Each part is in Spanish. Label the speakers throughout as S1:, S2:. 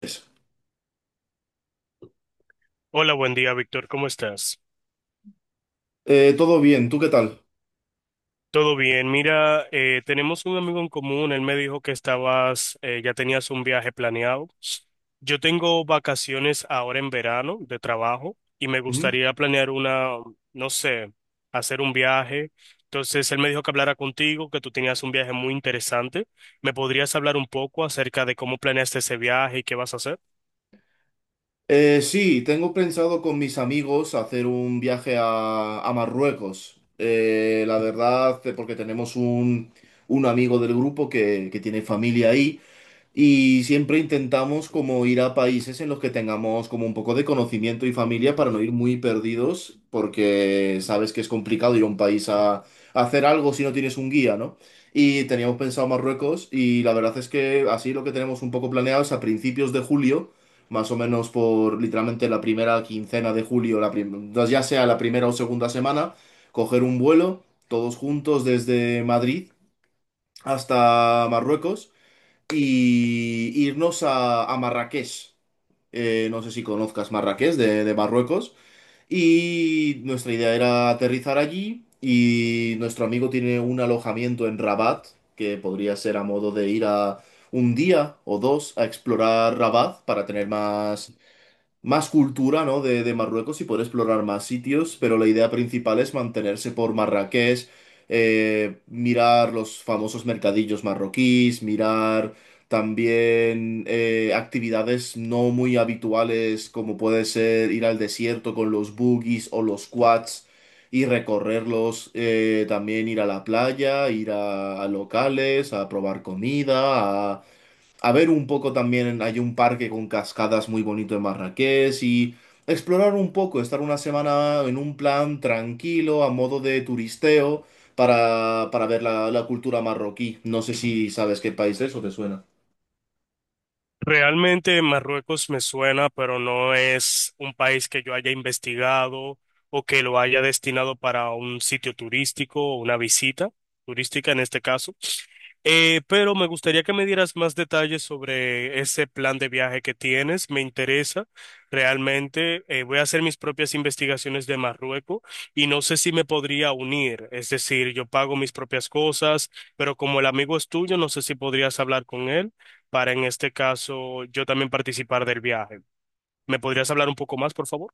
S1: Eso.
S2: Hola, buen día, Víctor. ¿Cómo estás?
S1: Todo bien, ¿tú qué tal?
S2: Todo bien. Mira, tenemos un amigo en común. Él me dijo que estabas, ya tenías un viaje planeado. Yo tengo vacaciones ahora en verano de trabajo y me
S1: Ujú.
S2: gustaría planear una, no sé, hacer un viaje. Entonces, él me dijo que hablara contigo, que tú tenías un viaje muy interesante. ¿Me podrías hablar un poco acerca de cómo planeaste ese viaje y qué vas a hacer?
S1: Sí, tengo pensado con mis amigos hacer un viaje a Marruecos. La verdad, porque tenemos un amigo del grupo que tiene familia ahí. Y siempre intentamos como ir a países en los que tengamos como un poco de conocimiento y familia para no ir muy perdidos, porque sabes que es complicado ir a un país a hacer algo si no tienes un guía, ¿no? Y teníamos pensado Marruecos y la verdad es que así lo que tenemos un poco planeado es a principios de julio, más o menos por literalmente la primera quincena de julio, no, ya sea la primera o segunda semana, coger un vuelo todos juntos desde Madrid hasta Marruecos y irnos a Marrakech. No sé si conozcas Marrakech de Marruecos. Y nuestra idea era aterrizar allí. Y nuestro amigo tiene un alojamiento en Rabat, que podría ser a modo de ir a un día o dos a explorar Rabat para tener más cultura, ¿no? de Marruecos y poder explorar más sitios, pero la idea principal es mantenerse por Marrakech, mirar los famosos mercadillos marroquíes, mirar también actividades no muy habituales como puede ser ir al desierto con los buggies o los quads. Y recorrerlos, también ir a la playa, ir a locales, a probar comida, a ver un poco también, hay un parque con cascadas muy bonito en Marrakech y explorar un poco, estar una semana en un plan tranquilo, a modo de turisteo, para ver la cultura marroquí. No sé si sabes qué país es o te suena.
S2: Realmente Marruecos me suena, pero no es un país que yo haya investigado o que lo haya destinado para un sitio turístico o una visita turística en este caso. Pero me gustaría que me dieras más detalles sobre ese plan de viaje que tienes. Me interesa realmente. Voy a hacer mis propias investigaciones de Marruecos y no sé si me podría unir. Es decir, yo pago mis propias cosas, pero como el amigo es tuyo, no sé si podrías hablar con él para en este caso yo también participar del viaje. ¿Me podrías hablar un poco más, por favor?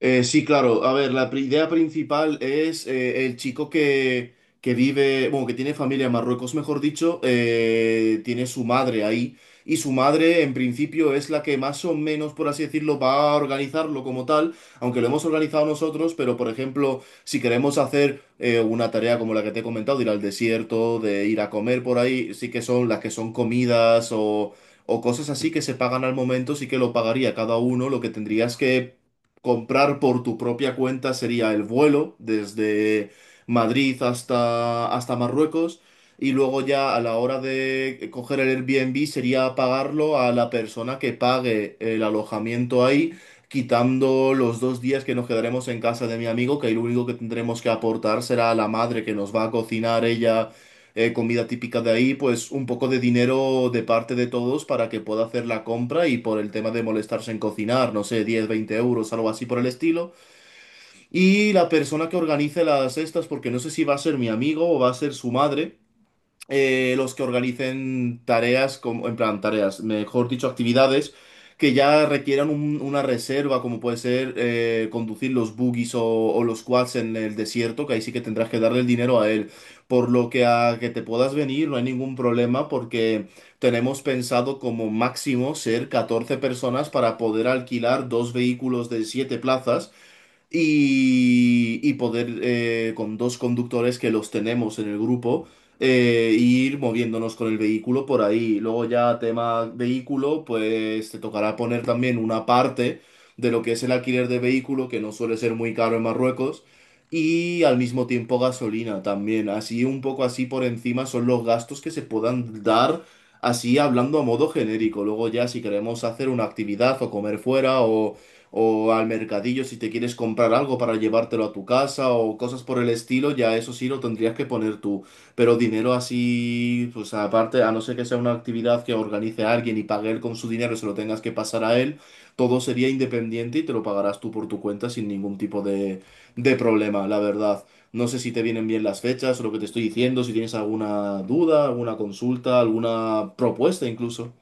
S1: Sí, claro. A ver, idea principal es el chico que vive, bueno, que tiene familia en Marruecos, mejor dicho, tiene su madre ahí. Y su madre, en principio, es la que más o menos, por así decirlo, va a organizarlo como tal, aunque lo hemos organizado nosotros, pero por ejemplo, si queremos hacer una tarea como la que te he comentado, de ir al desierto, de ir a comer por ahí, sí que son las que son comidas o cosas así que se pagan al momento, sí que lo pagaría cada uno, lo que tendrías que comprar por tu propia cuenta sería el vuelo desde Madrid hasta Marruecos y luego ya a la hora de coger el Airbnb sería pagarlo a la persona que pague el alojamiento ahí, quitando los dos días que nos quedaremos en casa de mi amigo, que ahí lo único que tendremos que aportar será a la madre que nos va a cocinar ella comida típica de ahí, pues un poco de dinero de parte de todos para que pueda hacer la compra y por el tema de molestarse en cocinar, no sé, 10 20 euros, algo así por el estilo. Y la persona que organice las estas, porque no sé si va a ser mi amigo o va a ser su madre los que organicen tareas, como, en plan, tareas, mejor dicho, actividades que ya requieran una reserva, como puede ser conducir los buggies o los quads en el desierto, que ahí sí que tendrás que darle el dinero a él. Por lo que a que te puedas venir no hay ningún problema porque tenemos pensado como máximo ser 14 personas para poder alquilar dos vehículos de 7 plazas y poder con dos conductores que los tenemos en el grupo ir moviéndonos con el vehículo por ahí. Luego ya tema vehículo, pues te tocará poner también una parte de lo que es el alquiler de vehículo, que no suele ser muy caro en Marruecos. Y al mismo tiempo gasolina también. Así un poco así por encima son los gastos que se puedan dar así hablando a modo genérico. Luego ya si queremos hacer una actividad o comer fuera o al mercadillo si te quieres comprar algo para llevártelo a tu casa o cosas por el estilo, ya eso sí lo tendrías que poner tú. Pero dinero así, pues aparte, a no ser que sea una actividad que organice alguien y pague él con su dinero y se lo tengas que pasar a él, todo sería independiente y te lo pagarás tú por tu cuenta sin ningún tipo de problema, la verdad. No sé si te vienen bien las fechas o lo que te estoy diciendo, si tienes alguna duda, alguna consulta, alguna propuesta incluso.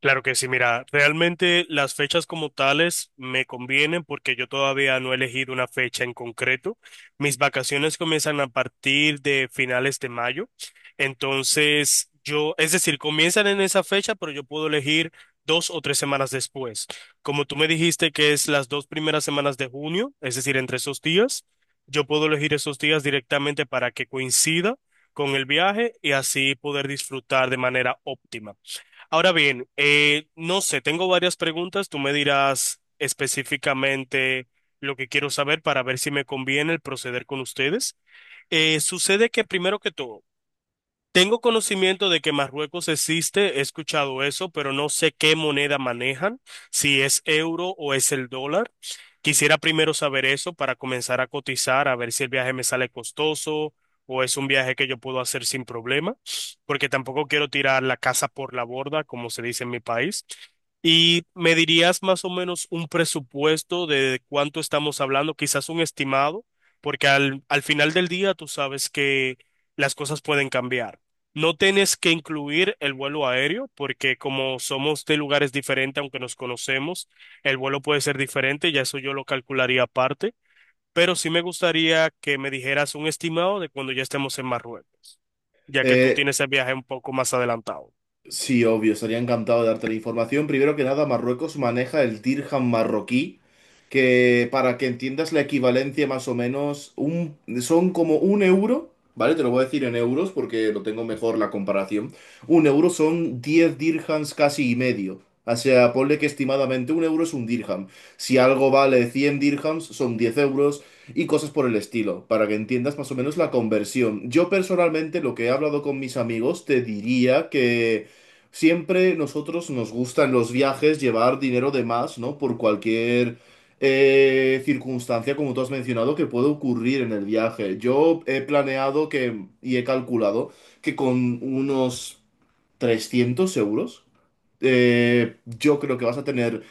S2: Claro que sí, mira, realmente las fechas como tales me convienen porque yo todavía no he elegido una fecha en concreto. Mis vacaciones comienzan a partir de finales de mayo. Entonces, yo, es decir, comienzan en esa fecha, pero yo puedo elegir dos o tres semanas después. Como tú me dijiste que es las dos primeras semanas de junio, es decir, entre esos días, yo puedo elegir esos días directamente para que coincida con el viaje y así poder disfrutar de manera óptima. Ahora bien, no sé, tengo varias preguntas. Tú me dirás específicamente lo que quiero saber para ver si me conviene el proceder con ustedes. Sucede que primero que todo, tengo conocimiento de que Marruecos existe, he escuchado eso, pero no sé qué moneda manejan, si es euro o es el dólar. Quisiera primero saber eso para comenzar a cotizar, a ver si el viaje me sale costoso o es un viaje que yo puedo hacer sin problema, porque tampoco quiero tirar la casa por la borda, como se dice en mi país. Y me dirías más o menos un presupuesto de cuánto estamos hablando, quizás un estimado, porque al final del día tú sabes que las cosas pueden cambiar. No tienes que incluir el vuelo aéreo porque como somos de lugares diferentes, aunque nos conocemos, el vuelo puede ser diferente, ya eso yo lo calcularía aparte, pero sí me gustaría que me dijeras un estimado de cuando ya estemos en Marruecos, ya que tú
S1: Eh,
S2: tienes el viaje un poco más adelantado.
S1: Sí, obvio, estaría encantado de darte la información. Primero que nada, Marruecos maneja el dirham marroquí, que para que entiendas la equivalencia más o menos, son como un euro, ¿vale? Te lo voy a decir en euros porque lo tengo mejor la comparación. Un euro son 10 dírhams casi y medio. O sea, ponle que estimadamente un euro es un dirham. Si algo vale 100 dírhams, son 10 euros y cosas por el estilo, para que entiendas más o menos la conversión. Yo personalmente, lo que he hablado con mis amigos, te diría que… Siempre nosotros nos gusta en los viajes llevar dinero de más, ¿no? Por cualquier circunstancia, como tú has mencionado, que puede ocurrir en el viaje. Yo he planeado que, y he calculado que con unos 300 euros, yo creo que vas a tener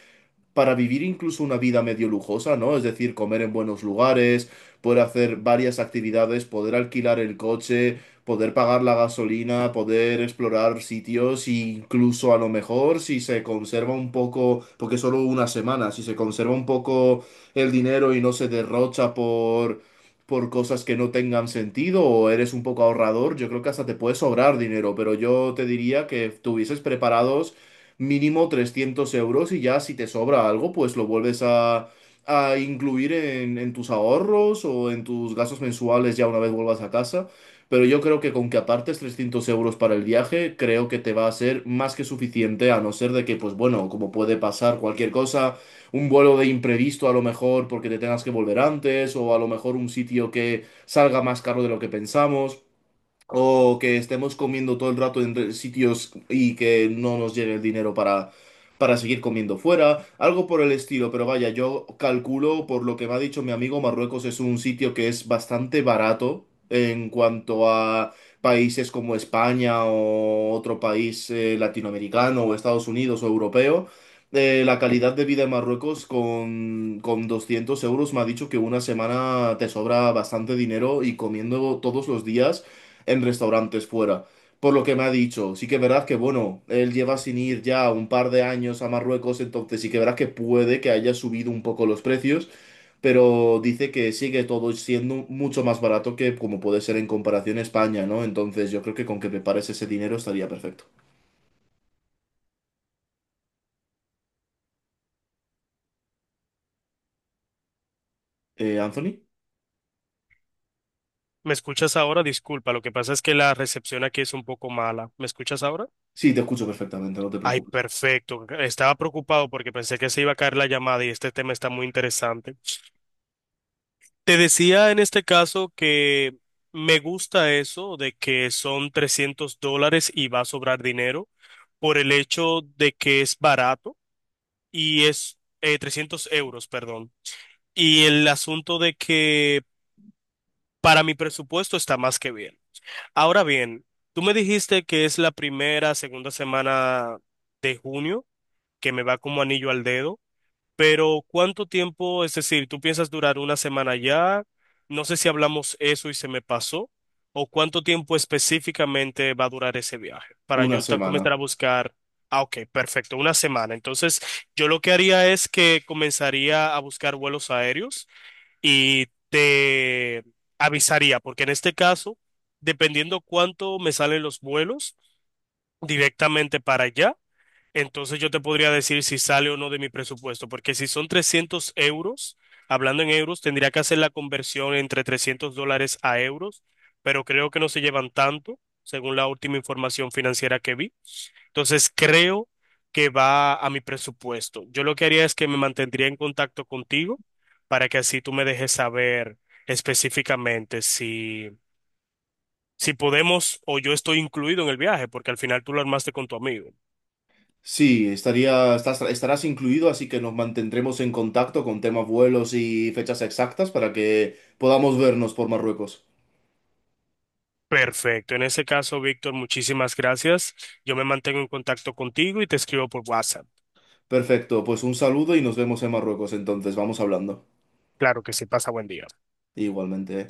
S1: para vivir incluso una vida medio lujosa, ¿no? Es decir, comer en buenos lugares, poder hacer varias actividades, poder alquilar el coche, poder pagar la gasolina, poder explorar sitios, e incluso a lo mejor si se conserva un poco, porque solo una semana, si se conserva un poco el dinero y no se derrocha por cosas que no tengan sentido o eres un poco ahorrador, yo creo que hasta te puede sobrar dinero, pero yo te diría que tuvieses preparados mínimo 300 euros y ya si te sobra algo, pues lo vuelves a incluir en tus ahorros o en tus gastos mensuales ya una vez vuelvas a casa. Pero yo creo que con que apartes 300 euros para el viaje, creo que te va a ser más que suficiente, a no ser de que, pues bueno, como puede pasar cualquier cosa, un vuelo de imprevisto a lo mejor porque te tengas que volver antes, o a lo mejor un sitio que salga más caro de lo que pensamos. O que estemos comiendo todo el rato en sitios y que no nos llegue el dinero para seguir comiendo fuera, algo por el estilo, pero vaya, yo calculo, por lo que me ha dicho mi amigo, Marruecos es un sitio que es bastante barato en cuanto a países como España o otro país latinoamericano o Estados Unidos o europeo. La calidad de vida en Marruecos con 200 euros me ha dicho que una semana te sobra bastante dinero y comiendo todos los días en restaurantes fuera. Por lo que me ha dicho, sí que verás que, bueno, él lleva sin ir ya un par de años a Marruecos, entonces sí que verás que puede que haya subido un poco los precios, pero dice que sigue todo siendo mucho más barato que como puede ser en comparación a España, ¿no? Entonces yo creo que con que prepares ese dinero estaría perfecto. Anthony,
S2: ¿Me escuchas ahora? Disculpa, lo que pasa es que la recepción aquí es un poco mala. ¿Me escuchas ahora?
S1: sí, te escucho perfectamente, no te
S2: Ay,
S1: preocupes.
S2: perfecto. Estaba preocupado porque pensé que se iba a caer la llamada y este tema está muy interesante. Te decía en este caso que me gusta eso de que son 300 dólares y va a sobrar dinero por el hecho de que es barato y es 300 euros, perdón. Y el asunto de que para mi presupuesto está más que bien. Ahora bien, tú me dijiste que es la primera, segunda semana de junio, que me va como anillo al dedo. Pero ¿cuánto tiempo? Es decir, ¿tú piensas durar una semana allá? No sé si hablamos eso y se me pasó. ¿O cuánto tiempo específicamente va a durar ese viaje? Para
S1: Una
S2: yo comenzar
S1: semana.
S2: a buscar. Ah, ok, perfecto, una semana. Entonces, yo lo que haría es que comenzaría a buscar vuelos aéreos y te avisaría, porque en este caso, dependiendo cuánto me salen los vuelos directamente para allá. Entonces yo te podría decir si sale o no de mi presupuesto, porque si son 300 euros, hablando en euros, tendría que hacer la conversión entre 300 dólares a euros, pero creo que no se llevan tanto, según la última información financiera que vi. Entonces creo que va a mi presupuesto. Yo lo que haría es que me mantendría en contacto contigo para que así tú me dejes saber específicamente si, si podemos o yo estoy incluido en el viaje, porque al final tú lo armaste con tu amigo.
S1: Sí, estaría, estarás incluido, así que nos mantendremos en contacto con temas vuelos y fechas exactas para que podamos vernos por Marruecos.
S2: Perfecto. En ese caso, Víctor, muchísimas gracias. Yo me mantengo en contacto contigo y te escribo por WhatsApp.
S1: Perfecto, pues un saludo y nos vemos en Marruecos entonces, vamos hablando.
S2: Claro que sí, pasa buen día.
S1: Igualmente.